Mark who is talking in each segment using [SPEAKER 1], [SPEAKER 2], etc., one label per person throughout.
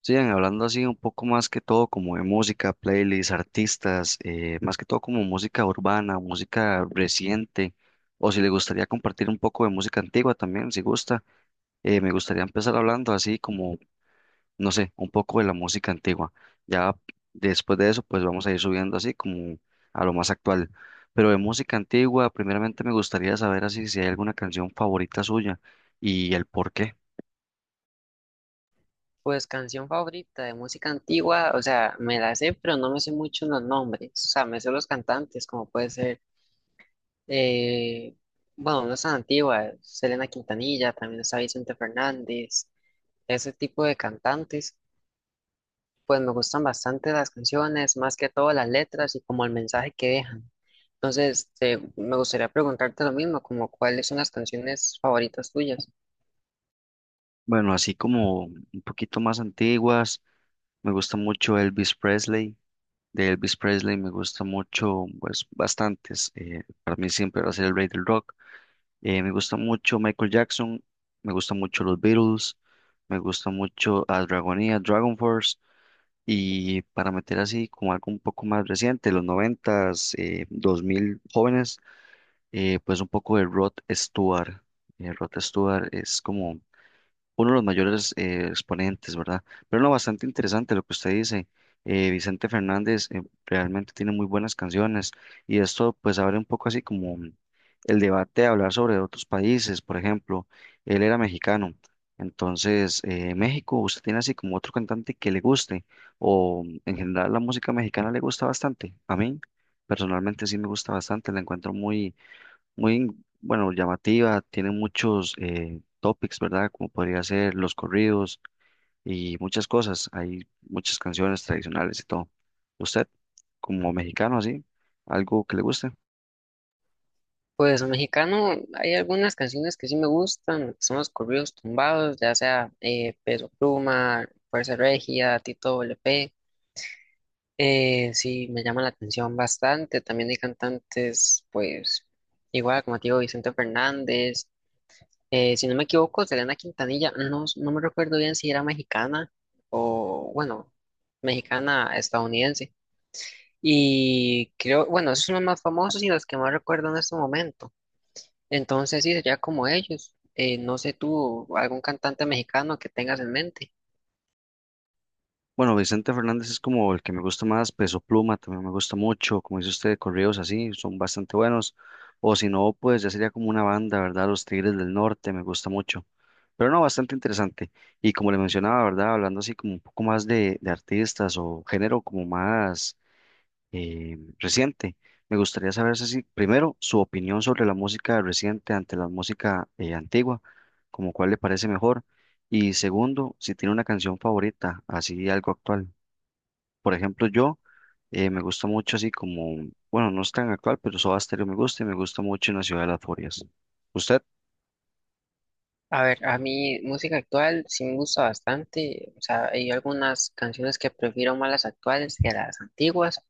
[SPEAKER 1] Sigan hablando así un poco más que todo como de música, playlists, artistas, más que todo como música urbana, música reciente, o si le gustaría compartir un poco de música antigua también, si gusta, me gustaría empezar hablando así como, no sé, un poco de la música antigua. Ya después de eso, pues vamos a ir subiendo así como a lo más actual. Pero de música antigua, primeramente me gustaría saber así si hay alguna canción favorita suya y el por qué.
[SPEAKER 2] Pues canción favorita de música antigua, o sea, me la sé, pero no me sé mucho los nombres, o sea, me sé los cantantes, como puede ser, eh, bueno, no es tan antigua, Selena Quintanilla, también está Vicente Fernández, ese tipo de cantantes, pues me gustan bastante las canciones, más que todo las letras y como el mensaje que dejan. Entonces, este, me gustaría preguntarte lo mismo, como cuáles son las canciones favoritas tuyas.
[SPEAKER 1] Bueno, así como un poquito más antiguas. Me gusta mucho Elvis Presley. De Elvis Presley me gusta mucho, pues bastantes. Para mí siempre va a ser el rey del rock. Me gusta mucho Michael Jackson. Me gusta mucho los Beatles. Me gusta mucho a Dragonia, Dragon Force. Y para meter así como algo un poco más reciente, los noventas, dos mil jóvenes, pues un poco de Rod Stewart. Rod Stewart es como uno de los mayores exponentes, ¿verdad? Pero no, bastante interesante lo que usted dice. Vicente Fernández realmente tiene muy buenas canciones y esto pues abre un poco así como el debate de hablar sobre otros países. Por ejemplo, él era mexicano, entonces México, ¿usted tiene así como otro cantante que le guste o en general la música mexicana le gusta bastante? A mí personalmente sí me gusta bastante, la encuentro muy muy, bueno, llamativa, tiene muchos topics, ¿verdad? Como podría ser los corridos y muchas cosas. Hay muchas canciones tradicionales y todo. ¿Usted, como mexicano, así, algo que le guste?
[SPEAKER 2] Pues mexicano, hay algunas canciones que sí me gustan, son los corridos tumbados, ya sea Peso Pluma, Fuerza Regia, Tito LP, sí me llama la atención bastante, también hay cantantes, pues igual como te digo, Vicente Fernández, si no me equivoco, Selena Quintanilla, no, no me recuerdo bien si era mexicana o bueno, mexicana estadounidense, y creo, bueno, esos son los más famosos y los que más recuerdo en este momento. Entonces sí, sería como ellos. No sé tú, algún cantante mexicano que tengas en mente.
[SPEAKER 1] Bueno, Vicente Fernández es como el que me gusta más, Peso Pluma también me gusta mucho, como dice usted, corridos así, son bastante buenos, o si no, pues ya sería como una banda, ¿verdad? Los Tigres del Norte me gusta mucho, pero no, bastante interesante. Y como le mencionaba, ¿verdad? Hablando así como un poco más de artistas o género como más reciente, me gustaría saber si primero su opinión sobre la música reciente ante la música antigua, como cuál le parece mejor, y segundo, si tiene una canción favorita, así algo actual. Por ejemplo, yo me gusta mucho así como, bueno, no es tan actual, pero Soda Stereo me gusta y me gusta mucho En la Ciudad de las Furias. Usted,
[SPEAKER 2] A ver, a mí música actual sí me gusta bastante. O sea, hay algunas canciones que prefiero más las actuales que las antiguas,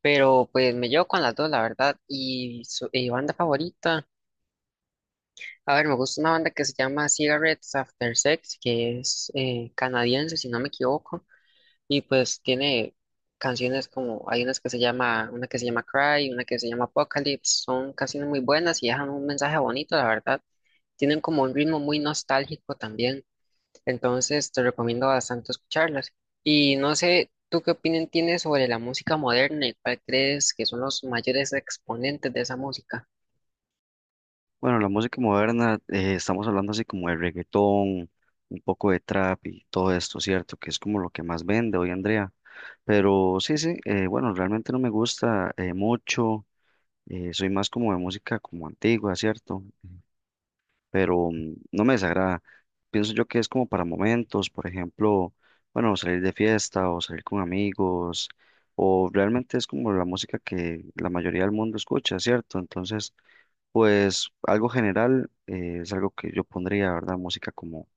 [SPEAKER 2] pero pues me llevo con las dos, la verdad. Y, su, y banda favorita, a ver, me gusta una banda que se llama Cigarettes After Sex, que es canadiense, si no me equivoco. Y pues tiene canciones como, hay unas que se llama, una que se llama Cry, una que se llama Apocalypse, son canciones muy buenas y dejan un mensaje bonito, la verdad. Tienen como un ritmo muy nostálgico también, entonces te recomiendo bastante escucharlas. Y no sé, ¿tú qué opinión tienes sobre la música moderna y cuál crees que son los mayores exponentes de esa música?
[SPEAKER 1] bueno, la música moderna, estamos hablando así como de reggaetón, un poco de trap y todo esto, ¿cierto? Que es como lo que más vende hoy, Andrea. Pero sí, bueno, realmente no me gusta mucho, soy más como de música como antigua, ¿cierto? Pero no me desagrada. Pienso yo que es como para momentos, por ejemplo, bueno, salir de fiesta o salir con amigos, o realmente es como la música que la mayoría del mundo escucha, ¿cierto? Entonces, pues algo general es algo que yo pondría, ¿verdad? Música como,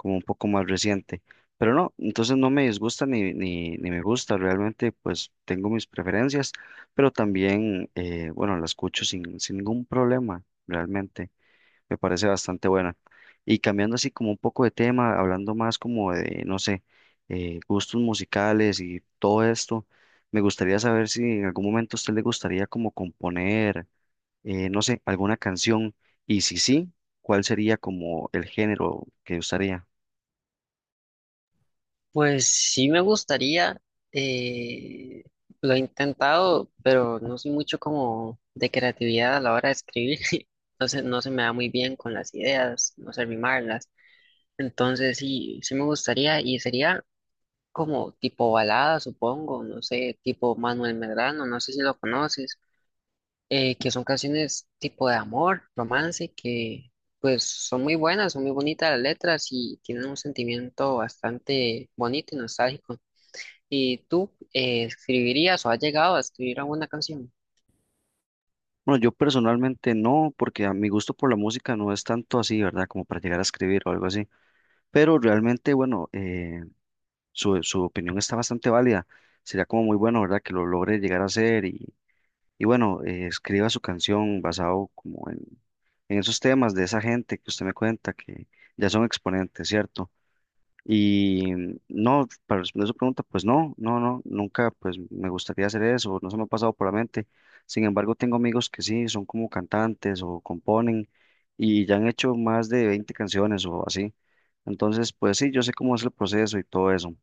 [SPEAKER 1] como un poco más reciente. Pero no, entonces no me disgusta ni me gusta, realmente pues tengo mis preferencias, pero también, bueno, la escucho sin ningún problema, realmente. Me parece bastante buena. Y cambiando así como un poco de tema, hablando más como de, no sé, gustos musicales y todo esto, me gustaría saber si en algún momento a usted le gustaría como componer, no sé, alguna canción y si sí, ¿cuál sería como el género que usaría?
[SPEAKER 2] Pues sí me gustaría, eh, lo he intentado, pero no soy mucho como de creatividad a la hora de escribir, entonces no se me da muy bien con las ideas, no sé rimarlas, entonces sí, sí me gustaría y sería como tipo balada, supongo, no sé, tipo Manuel Medrano, no sé si lo conoces, que son canciones tipo de amor, romance, que pues son muy buenas, son muy bonitas las letras y tienen un sentimiento bastante bonito y nostálgico. ¿Y tú escribirías o has llegado a escribir alguna canción?
[SPEAKER 1] Bueno, yo personalmente no, porque a mi gusto por la música no es tanto así, ¿verdad? Como para llegar a escribir o algo así. Pero realmente, bueno, su opinión está bastante válida. Sería como muy bueno, ¿verdad? Que lo logre llegar a hacer y bueno, escriba su canción basado como en esos temas de esa gente que usted me cuenta que ya son exponentes, ¿cierto? Y no, para responder su pregunta, pues no, nunca pues me gustaría hacer eso, no se me ha pasado por la mente. Sin embargo, tengo amigos que sí, son como cantantes o componen y ya han hecho más de 20 canciones o así. Entonces, pues sí, yo sé cómo es el proceso y todo eso.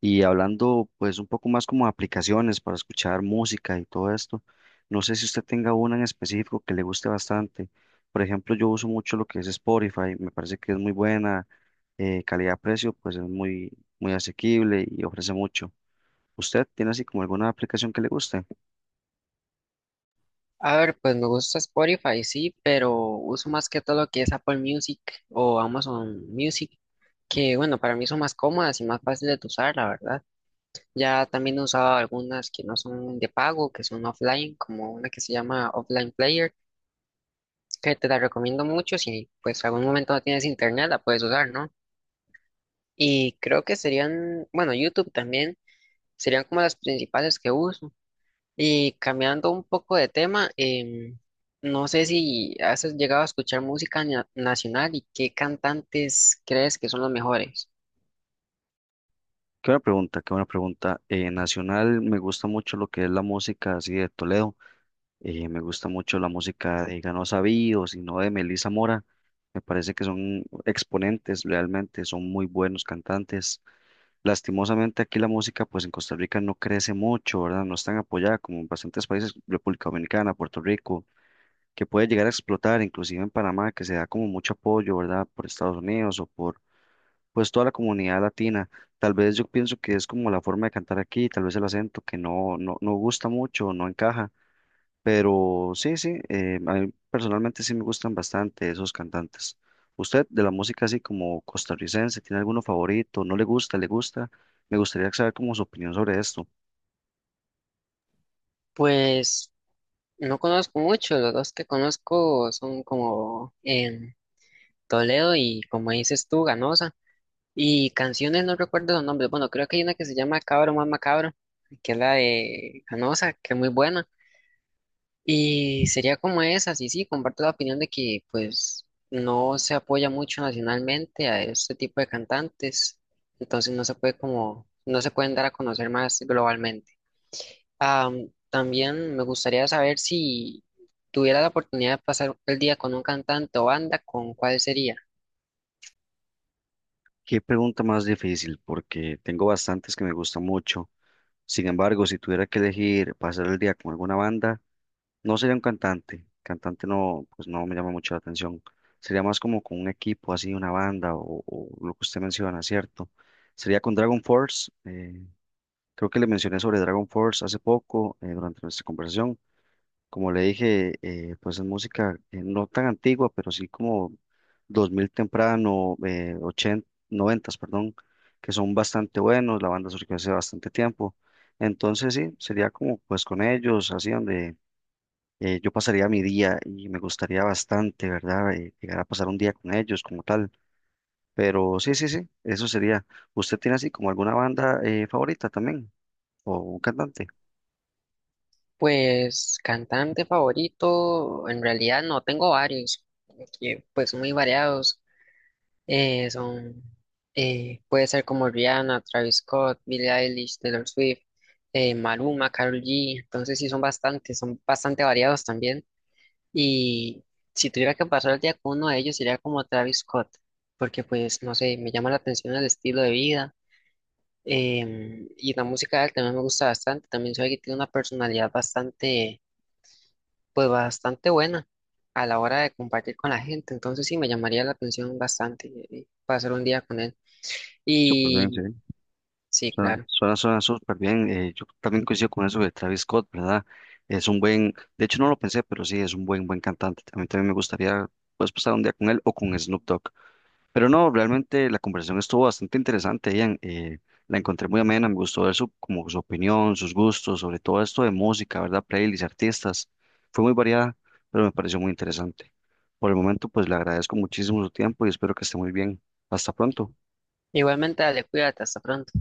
[SPEAKER 1] Y hablando pues un poco más como de aplicaciones para escuchar música y todo esto, no sé si usted tenga una en específico que le guste bastante. Por ejemplo, yo uso mucho lo que es Spotify, me parece que es muy buena, calidad-precio pues es muy, muy asequible y ofrece mucho. ¿Usted tiene así como alguna aplicación que le guste?
[SPEAKER 2] A ver, pues me gusta Spotify, sí, pero uso más que todo lo que es Apple Music o Amazon Music, que bueno, para mí son más cómodas y más fáciles de usar, la verdad. Ya también he usado algunas que no son de pago, que son offline, como una que se llama Offline Player, que te la recomiendo mucho si pues algún momento no tienes internet, la puedes usar, ¿no? Y creo que serían, bueno, YouTube también, serían como las principales que uso. Y cambiando un poco de tema, no sé si has llegado a escuchar música nacional y qué cantantes crees que son los mejores.
[SPEAKER 1] Qué buena pregunta, qué buena pregunta. Nacional me gusta mucho lo que es la música así de Toledo. Me gusta mucho la música de Ganosa Bío, sino de Melissa Mora. Me parece que son exponentes, realmente son muy buenos cantantes. Lastimosamente aquí la música pues en Costa Rica no crece mucho, ¿verdad? No es tan apoyada como en bastantes países, República Dominicana, Puerto Rico, que puede llegar a explotar, inclusive en Panamá, que se da como mucho apoyo, ¿verdad? Por Estados Unidos o por pues toda la comunidad latina. Tal vez yo pienso que es como la forma de cantar aquí, tal vez el acento que no gusta mucho, no encaja pero sí, sí, a mí personalmente sí me gustan bastante esos cantantes. ¿Usted de la música así como costarricense tiene alguno favorito? ¿No le gusta? ¿Le gusta? Me gustaría saber como su opinión sobre esto.
[SPEAKER 2] Pues no conozco mucho, los dos que conozco son como en Toledo y como dices tú, Ganosa. Y canciones no recuerdo los nombres, bueno, creo que hay una que se llama Cabro más Macabro, que es la de Ganosa, que es muy buena. Y sería como esa. Sí, sí, comparto la opinión de que pues no se apoya mucho nacionalmente a este tipo de cantantes, entonces no se puede como, no se pueden dar a conocer más globalmente. También me gustaría saber si tuviera la oportunidad de pasar el día con un cantante o banda, ¿con cuál sería?
[SPEAKER 1] Qué pregunta más difícil, porque tengo bastantes que me gustan mucho. Sin embargo, si tuviera que elegir pasar el día con alguna banda, no sería un cantante. Cantante no, pues no me llama mucho la atención. Sería más como con un equipo, así una banda o lo que usted menciona, ¿cierto? Sería con Dragon Force. Creo que le mencioné sobre Dragon Force hace poco, durante nuestra conversación. Como le dije, pues es música no tan antigua, pero sí como 2000 temprano, 80, 90, perdón, que son bastante buenos. La banda surgió hace bastante tiempo. Entonces sí, sería como pues con ellos, así donde yo pasaría mi día y me gustaría bastante, ¿verdad? Llegar a pasar un día con ellos como tal. Pero sí, eso sería. ¿Usted tiene así como alguna banda favorita también o un cantante?
[SPEAKER 2] Pues cantante favorito, en realidad no tengo varios, que pues son muy variados. Son, puede ser como Rihanna, Travis Scott, Billie Eilish, Taylor Swift, Maluma, Karol G. Entonces sí son bastantes, son bastante variados también. Y si tuviera que pasar el día con uno de ellos sería como Travis Scott, porque pues no sé, me llama la atención el estilo de vida. Y la música de él también me gusta bastante. También sabe que tiene una personalidad bastante, pues bastante buena a la hora de compartir con la gente. Entonces sí me llamaría la atención bastante pasar un día con él.
[SPEAKER 1] Súper bien, sí.
[SPEAKER 2] Y sí, claro.
[SPEAKER 1] Suena súper bien. Yo también coincido con eso de Travis Scott, ¿verdad? Es un de hecho no lo pensé, pero sí, es un buen cantante. A mí también me gustaría, pues, pasar un día con él o con Snoop Dogg. Pero no, realmente la conversación estuvo bastante interesante, Ian. La encontré muy amena, me gustó ver su, como su opinión, sus gustos, sobre todo esto de música, ¿verdad? Playlists, artistas. Fue muy variada, pero me pareció muy interesante. Por el momento, pues, le agradezco muchísimo su tiempo y espero que esté muy bien. Hasta pronto.
[SPEAKER 2] Igualmente, dale, cuídate, hasta pronto.